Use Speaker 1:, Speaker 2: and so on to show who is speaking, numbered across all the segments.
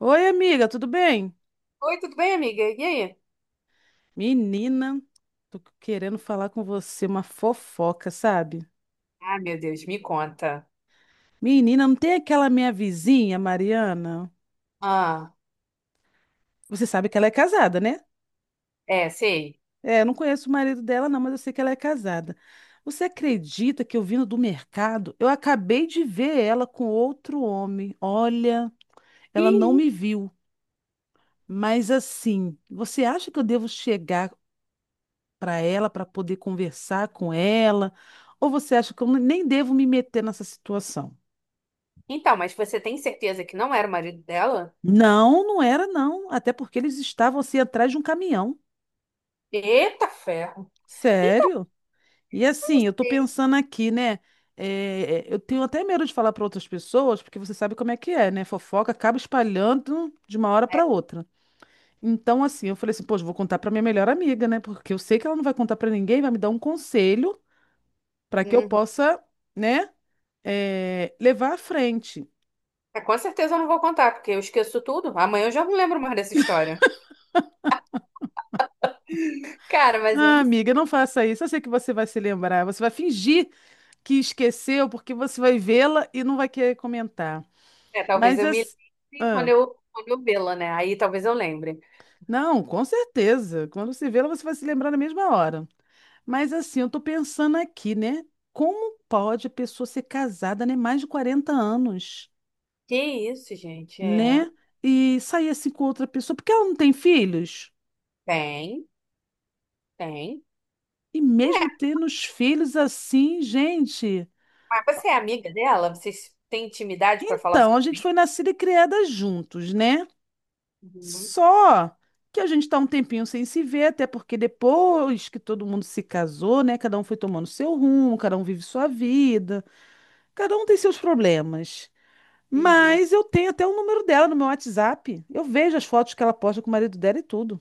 Speaker 1: Oi, amiga, tudo bem?
Speaker 2: Oi, tudo bem, amiga? E aí?
Speaker 1: Menina, tô querendo falar com você uma fofoca, sabe?
Speaker 2: Ah, meu Deus, me conta.
Speaker 1: Menina, não tem aquela minha vizinha, Mariana?
Speaker 2: Ah,
Speaker 1: Você sabe que ela é casada, né?
Speaker 2: é, sei.
Speaker 1: É, eu não conheço o marido dela, não, mas eu sei que ela é casada. Você acredita que eu vindo do mercado, eu acabei de ver ela com outro homem? Olha, ela não
Speaker 2: Ih,
Speaker 1: me viu. Mas assim, você acha que eu devo chegar para ela, para poder conversar com ela? Ou você acha que eu nem devo me meter nessa situação?
Speaker 2: então, mas você tem certeza que não era o marido dela?
Speaker 1: Não, não era não, até porque eles estavam assim atrás de um caminhão.
Speaker 2: Eita ferro. Então,
Speaker 1: Sério? E assim, eu tô
Speaker 2: é,
Speaker 1: pensando aqui, né? Eu tenho até medo de falar para outras pessoas, porque você sabe como é que é, né? Fofoca acaba espalhando de uma hora para outra. Então, assim, eu falei assim, poxa, vou contar para minha melhor amiga, né? Porque eu sei que ela não vai contar para ninguém, vai me dar um conselho para que eu
Speaker 2: uhum.
Speaker 1: possa, né, levar à frente.
Speaker 2: É, com certeza eu não vou contar, porque eu esqueço tudo. Amanhã eu já não lembro mais dessa história. Cara, mas eu
Speaker 1: Ah,
Speaker 2: não sei.
Speaker 1: amiga, não faça isso. Eu sei que você vai se lembrar. Você vai fingir que esqueceu, porque você vai vê-la e não vai querer comentar.
Speaker 2: É, talvez
Speaker 1: Mas
Speaker 2: eu me
Speaker 1: as-
Speaker 2: lembre quando
Speaker 1: ah,
Speaker 2: eu, quando eu vê-la, né? Aí talvez eu lembre.
Speaker 1: não, com certeza. Quando você vê-la, você vai se lembrar na mesma hora. Mas assim, eu tô pensando aqui, né? Como pode a pessoa ser casada, né? Mais de 40 anos,
Speaker 2: Que isso, gente? É.
Speaker 1: né? E sair assim com outra pessoa, porque ela não tem filhos?
Speaker 2: Tem, tem.
Speaker 1: E mesmo
Speaker 2: É,
Speaker 1: tendo os filhos assim, gente.
Speaker 2: mas você é amiga dela? Vocês têm intimidade pra falar
Speaker 1: Então,
Speaker 2: sobre
Speaker 1: a gente
Speaker 2: isso?
Speaker 1: foi nascida e criada juntos, né?
Speaker 2: Uhum.
Speaker 1: Só que a gente está um tempinho sem se ver, até porque depois que todo mundo se casou, né? Cada um foi tomando seu rumo, cada um vive sua vida, cada um tem seus problemas.
Speaker 2: Uhum.
Speaker 1: Mas eu tenho até o número dela no meu WhatsApp. Eu vejo as fotos que ela posta com o marido dela e tudo.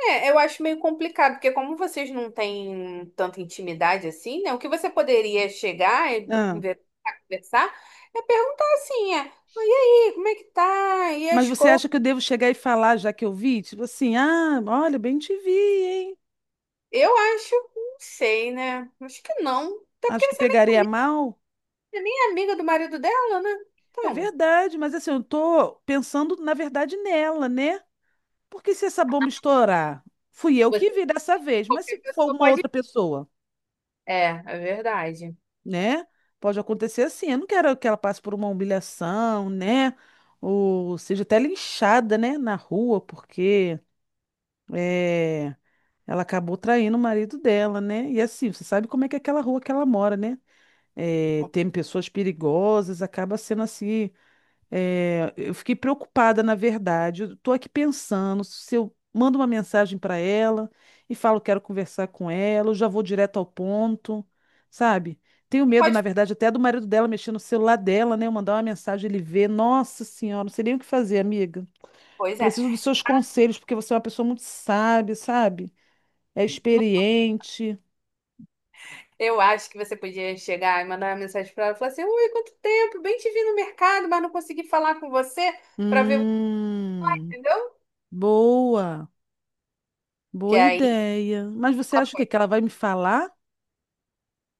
Speaker 2: É, eu acho meio complicado, porque como vocês não têm tanta intimidade assim, né? O que você poderia chegar e
Speaker 1: Ah,
Speaker 2: conversar é perguntar assim, é, "Ah, e aí, como é que tá? E
Speaker 1: mas
Speaker 2: as
Speaker 1: você
Speaker 2: coisas?
Speaker 1: acha que eu devo chegar e falar, já que eu vi? Tipo assim, ah, olha, bem te vi, hein?
Speaker 2: Eu acho, não sei, né? Acho que não. Até porque
Speaker 1: Acho que pegaria mal.
Speaker 2: você nem é amiga do marido dela, né?
Speaker 1: É
Speaker 2: Então,
Speaker 1: verdade, mas assim, eu tô pensando, na verdade, nela, né? Porque se essa bomba estourar, fui eu
Speaker 2: você,
Speaker 1: que vi dessa vez, mas se
Speaker 2: qualquer
Speaker 1: for
Speaker 2: pessoa
Speaker 1: uma
Speaker 2: pode.
Speaker 1: outra pessoa,
Speaker 2: É, é verdade.
Speaker 1: né? Pode acontecer assim. Eu não quero que ela passe por uma humilhação, né? Ou seja, até linchada, né? Na rua, porque é, ela acabou traindo o marido dela, né? E assim, você sabe como é que é aquela rua que ela mora, né? É, tem pessoas perigosas, acaba sendo assim. É, eu fiquei preocupada, na verdade. Eu tô aqui pensando se eu mando uma mensagem para ela e falo que quero conversar com ela, eu já vou direto ao ponto, sabe? Tenho
Speaker 2: Você
Speaker 1: medo,
Speaker 2: pode.
Speaker 1: na verdade, até do marido dela mexer no celular dela, né? Eu mandar uma mensagem, ele ver. Nossa Senhora, não sei nem o que fazer, amiga.
Speaker 2: Pois é.
Speaker 1: Preciso dos seus conselhos, porque você é uma pessoa muito sábia, sabe? É experiente.
Speaker 2: Eu acho que você podia chegar e mandar uma mensagem para ela e falar assim: Ui, quanto tempo, bem te vi no mercado, mas não consegui falar com você para ver,
Speaker 1: Hum,
Speaker 2: entendeu?
Speaker 1: boa,
Speaker 2: Que
Speaker 1: boa
Speaker 2: aí,
Speaker 1: ideia. Mas você
Speaker 2: ela
Speaker 1: acha o quê?
Speaker 2: pode-
Speaker 1: Que ela vai me falar?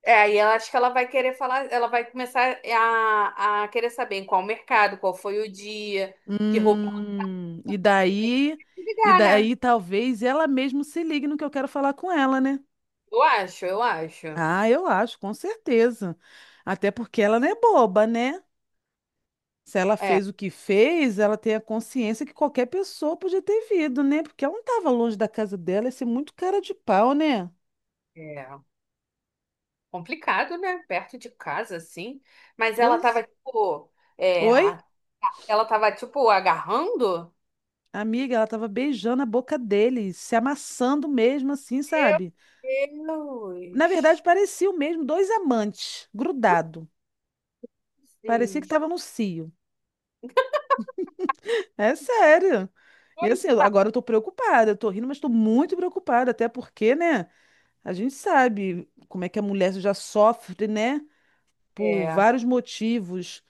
Speaker 2: é, aí ela acho que ela vai querer falar, ela vai começar a querer saber em qual mercado, qual foi o dia, que roupa.
Speaker 1: Hum, e
Speaker 2: E aí,
Speaker 1: daí, e
Speaker 2: ligar, né?
Speaker 1: daí talvez ela mesmo se ligue no que eu quero falar com ela, né?
Speaker 2: Eu acho, eu acho.
Speaker 1: Ah, eu acho, com certeza. Até porque ela não é boba, né? Se ela
Speaker 2: É,
Speaker 1: fez o que fez, ela tem a consciência que qualquer pessoa podia ter vindo, né? Porque ela não estava longe da casa dela, ia ser muito cara de pau, né?
Speaker 2: é complicado, né? Perto de casa, assim. Mas ela tava,
Speaker 1: Pois.
Speaker 2: tipo, é,
Speaker 1: Oi?
Speaker 2: a- ela tava, tipo, agarrando.
Speaker 1: Amiga, ela estava beijando a boca dele, se amassando mesmo assim,
Speaker 2: Meu
Speaker 1: sabe? Na verdade,
Speaker 2: Deus.
Speaker 1: parecia o mesmo dois amantes, grudado. Parecia que
Speaker 2: Sim.
Speaker 1: estava no cio. É sério. E assim, agora eu tô preocupada, eu tô rindo, mas tô muito preocupada, até porque, né, a gente sabe como é que a mulher já sofre, né, por
Speaker 2: É,
Speaker 1: vários motivos.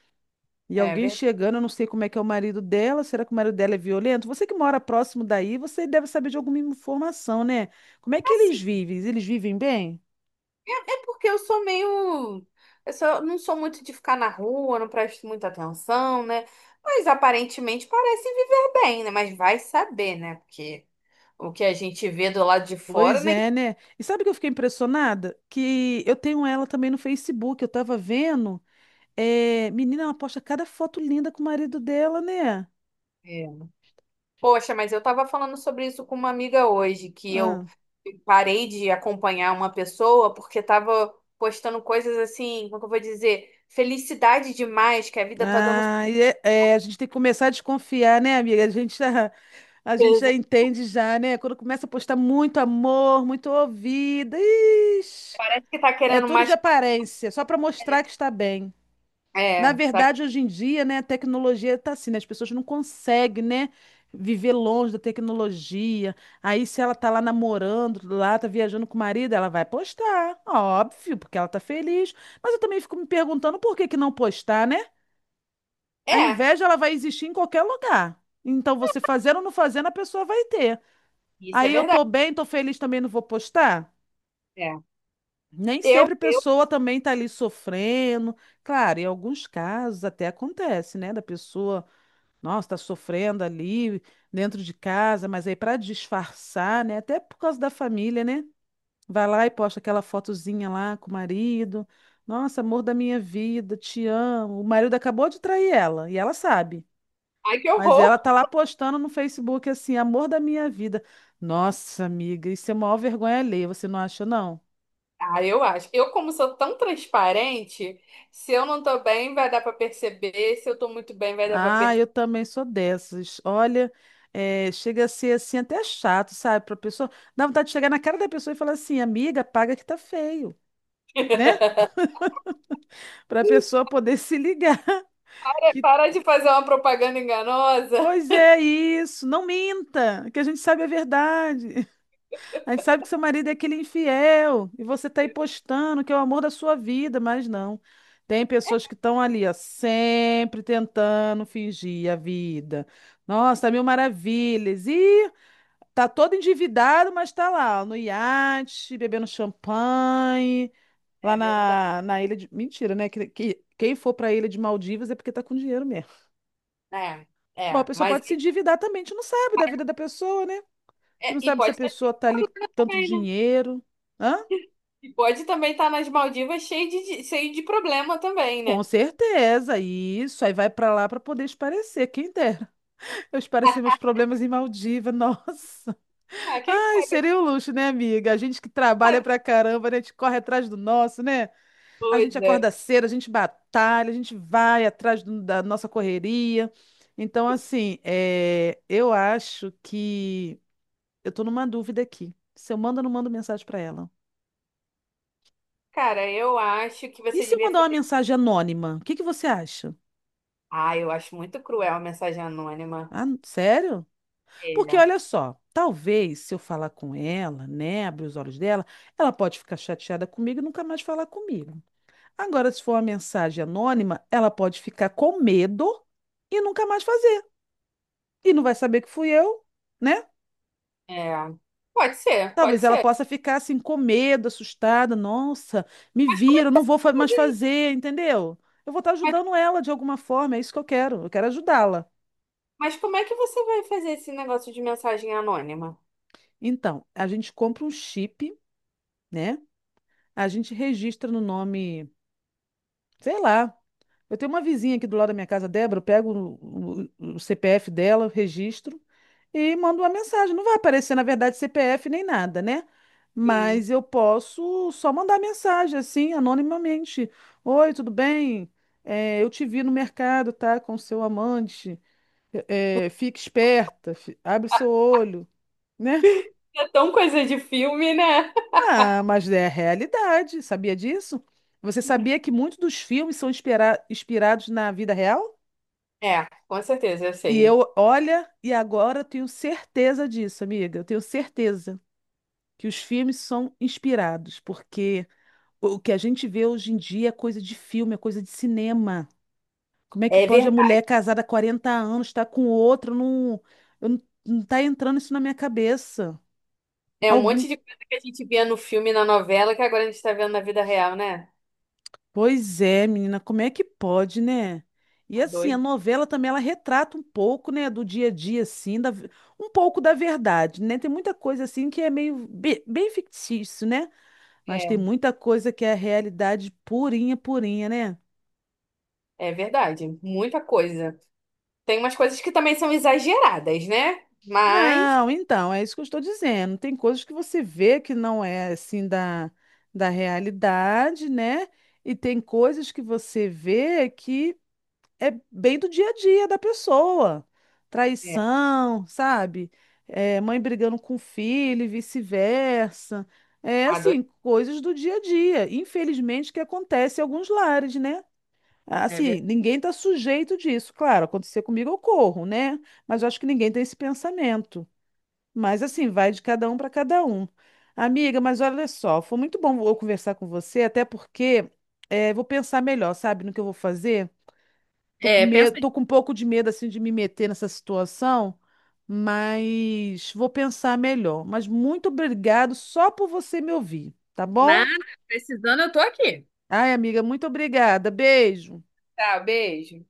Speaker 1: E
Speaker 2: é
Speaker 1: alguém
Speaker 2: verdade.
Speaker 1: chegando, eu não sei como é que é o marido dela, será que o marido dela é violento? Você que mora próximo daí, você deve saber de alguma informação, né? Como é que eles
Speaker 2: Assim,
Speaker 1: vivem? Eles vivem bem?
Speaker 2: é, é porque eu sou meio. Não sou muito de ficar na rua, não presto muita atenção, né? Mas aparentemente parecem viver bem, né? Mas vai saber, né? Porque o que a gente vê do lado de fora,
Speaker 1: Pois
Speaker 2: né?
Speaker 1: é, né? E sabe o que eu fiquei impressionada? Que eu tenho ela também no Facebook, eu tava vendo. É, menina, ela posta cada foto linda com o marido dela, né?
Speaker 2: Poxa, mas eu estava falando sobre isso com uma amiga hoje, que eu
Speaker 1: Ah,
Speaker 2: parei de acompanhar uma pessoa porque estava postando coisas assim, como que eu vou dizer? Felicidade demais, que a vida tá dando
Speaker 1: É, a gente tem que começar a desconfiar, né, amiga? A gente já
Speaker 2: certeza.
Speaker 1: entende já, né? Quando começa a postar muito amor, muito ouvida, ixi,
Speaker 2: Parece que tá
Speaker 1: é
Speaker 2: querendo
Speaker 1: tudo de
Speaker 2: mais.
Speaker 1: aparência, só para mostrar que está bem.
Speaker 2: É,
Speaker 1: Na
Speaker 2: é, tá-
Speaker 1: verdade, hoje em dia, né, a tecnologia está assim, né, as pessoas não conseguem, né, viver longe da tecnologia. Aí, se ela tá lá namorando, lá tá viajando com o marido, ela vai postar, óbvio, porque ela tá feliz. Mas eu também fico me perguntando por que que não postar, né? A
Speaker 2: é,
Speaker 1: inveja, ela vai existir em qualquer lugar. Então, você fazendo ou não fazendo, a pessoa vai ter.
Speaker 2: isso é
Speaker 1: Aí, eu
Speaker 2: verdade.
Speaker 1: tô bem, tô feliz, também não vou postar?
Speaker 2: É.
Speaker 1: Nem sempre a
Speaker 2: Eu,
Speaker 1: pessoa também tá ali sofrendo. Claro, em alguns casos até acontece, né, da pessoa. Nossa, está sofrendo ali dentro de casa, mas aí para disfarçar, né? Até por causa da família, né? Vai lá e posta aquela fotozinha lá com o marido. Nossa, amor da minha vida, te amo. O marido acabou de trair ela e ela sabe.
Speaker 2: ai que
Speaker 1: Mas
Speaker 2: horror.
Speaker 1: ela tá lá postando no Facebook assim, amor da minha vida. Nossa, amiga, isso é a maior vergonha alheia, você não acha, não?
Speaker 2: Ah, eu acho. Eu, como sou tão transparente, se eu não tô bem, vai dar pra perceber. Se eu tô muito bem, vai dar pra
Speaker 1: Ah,
Speaker 2: perceber.
Speaker 1: eu também sou dessas. Olha, chega a ser assim até chato, sabe? Para pessoa, dá vontade de chegar na cara da pessoa e falar assim, amiga, paga que tá feio, né? Para a pessoa poder se ligar que,
Speaker 2: Para de fazer uma propaganda enganosa.
Speaker 1: pois é isso, não minta, que a gente sabe a verdade. A gente sabe que seu marido é aquele infiel e você tá aí postando que é o amor da sua vida, mas não. Tem pessoas que estão ali, ó, sempre tentando fingir a vida. Nossa, mil maravilhas. Ih, tá todo endividado, mas tá lá, ó, no iate, bebendo champanhe,
Speaker 2: É
Speaker 1: lá
Speaker 2: verdade.
Speaker 1: na ilha de. Mentira, né? Quem for pra ilha de Maldivas é porque tá com dinheiro mesmo.
Speaker 2: É,
Speaker 1: Bom, a
Speaker 2: é,
Speaker 1: pessoa
Speaker 2: mas
Speaker 1: pode se endividar também, a gente não sabe da vida da pessoa, né? A gente
Speaker 2: é,
Speaker 1: não
Speaker 2: e
Speaker 1: sabe se a
Speaker 2: pode estar assim
Speaker 1: pessoa tá ali com tanto
Speaker 2: também, né?
Speaker 1: dinheiro. Hã?
Speaker 2: E pode também estar nas Maldivas cheio de, cheio de problema também,
Speaker 1: Com
Speaker 2: né?
Speaker 1: certeza, isso. Aí vai pra lá pra poder esparecer, quem dera. Eu espareci meus problemas em Maldiva, nossa.
Speaker 2: Ah, quem
Speaker 1: Ai, seria um luxo, né, amiga? A gente que trabalha
Speaker 2: sabe?
Speaker 1: pra caramba, né? A gente corre atrás do nosso, né? A
Speaker 2: Pois
Speaker 1: gente
Speaker 2: é.
Speaker 1: acorda cedo, a gente batalha, a gente vai atrás da nossa correria. Então, assim, eu acho que eu tô numa dúvida aqui. Se eu mando ou não mando mensagem para ela?
Speaker 2: Cara, eu acho que
Speaker 1: E
Speaker 2: você
Speaker 1: se eu
Speaker 2: devia
Speaker 1: mandar uma
Speaker 2: fazer.
Speaker 1: mensagem anônima? O que que você acha?
Speaker 2: Ah, eu acho muito cruel a mensagem anônima.
Speaker 1: Ah, sério? Porque
Speaker 2: É,
Speaker 1: olha só, talvez se eu falar com ela, né, abrir os olhos dela, ela pode ficar chateada comigo e nunca mais falar comigo. Agora, se for uma mensagem anônima, ela pode ficar com medo e nunca mais fazer. E não vai saber que fui eu, né?
Speaker 2: é. Pode ser, pode
Speaker 1: Talvez ela
Speaker 2: ser.
Speaker 1: possa ficar assim com medo, assustada. Nossa, me
Speaker 2: Mas como é
Speaker 1: viram,
Speaker 2: que
Speaker 1: não
Speaker 2: você
Speaker 1: vou fa-
Speaker 2: vai
Speaker 1: mais
Speaker 2: fazer isso?
Speaker 1: fazer, entendeu? Eu vou estar
Speaker 2: Mas,
Speaker 1: ajudando ela de alguma forma, é isso que eu quero. Eu quero ajudá-la.
Speaker 2: mas como é que você vai fazer esse negócio de mensagem anônima?
Speaker 1: Então, a gente compra um chip, né? A gente registra no nome, sei lá. Eu tenho uma vizinha aqui do lado da minha casa, Débora, eu pego o CPF dela, registro e mando uma mensagem. Não vai aparecer, na verdade, CPF nem nada, né?
Speaker 2: Sim.
Speaker 1: Mas eu posso só mandar mensagem, assim, anonimamente. Oi, tudo bem? É, eu te vi no mercado, tá? Com seu amante. Fique esperta, abre seu olho, né?
Speaker 2: É tão coisa de filme, né?
Speaker 1: Ah, mas é a realidade. Sabia disso? Você sabia que muitos dos filmes são inspirados na vida real?
Speaker 2: É, com certeza, eu
Speaker 1: E
Speaker 2: sei.
Speaker 1: eu, olha, e agora eu tenho certeza disso, amiga. Eu tenho certeza que os filmes são inspirados, porque o que a gente vê hoje em dia é coisa de filme, é coisa de cinema. Como é que
Speaker 2: É
Speaker 1: pode a
Speaker 2: verdade.
Speaker 1: mulher casada há 40 anos estar com outro? Não, eu não, não tá entrando isso na minha cabeça.
Speaker 2: É um monte
Speaker 1: Algum,
Speaker 2: de coisa que a gente via no filme, e na novela, que agora a gente está vendo na vida real, né?
Speaker 1: Pois é, menina, como é que pode, né? E
Speaker 2: Tá
Speaker 1: assim, a
Speaker 2: doido.
Speaker 1: novela também ela retrata um pouco, né, do dia a dia assim, um pouco da verdade, né? Tem muita coisa assim que é meio bem fictício, né? Mas
Speaker 2: É,
Speaker 1: tem muita coisa que é a realidade purinha, purinha, né?
Speaker 2: é verdade. Muita coisa. Tem umas coisas que também são exageradas, né? Mas.
Speaker 1: Não, então, é isso que eu estou dizendo. Tem coisas que você vê que não é assim da realidade, né? E tem coisas que você vê que é bem do dia a dia da pessoa.
Speaker 2: É,
Speaker 1: Traição, sabe? É, mãe brigando com filho e vice-versa. É
Speaker 2: tá doido.
Speaker 1: assim, coisas do dia a dia. Infelizmente, que acontece em alguns lares, né?
Speaker 2: É,
Speaker 1: Assim,
Speaker 2: ver-
Speaker 1: ninguém está sujeito disso. Claro, acontecer comigo eu corro, né? Mas eu acho que ninguém tem esse pensamento. Mas assim, vai de cada um para cada um. Amiga, mas olha só, foi muito bom eu conversar com você, até porque vou pensar melhor, sabe, no que eu vou fazer. Tô com
Speaker 2: é, pensa
Speaker 1: medo,
Speaker 2: aí.
Speaker 1: tô com um pouco de medo assim de me meter nessa situação, mas vou pensar melhor. Mas muito obrigado só por você me ouvir, tá bom?
Speaker 2: Nada, precisando, eu tô aqui.
Speaker 1: Ai, amiga, muito obrigada. Beijo.
Speaker 2: Tá, beijo.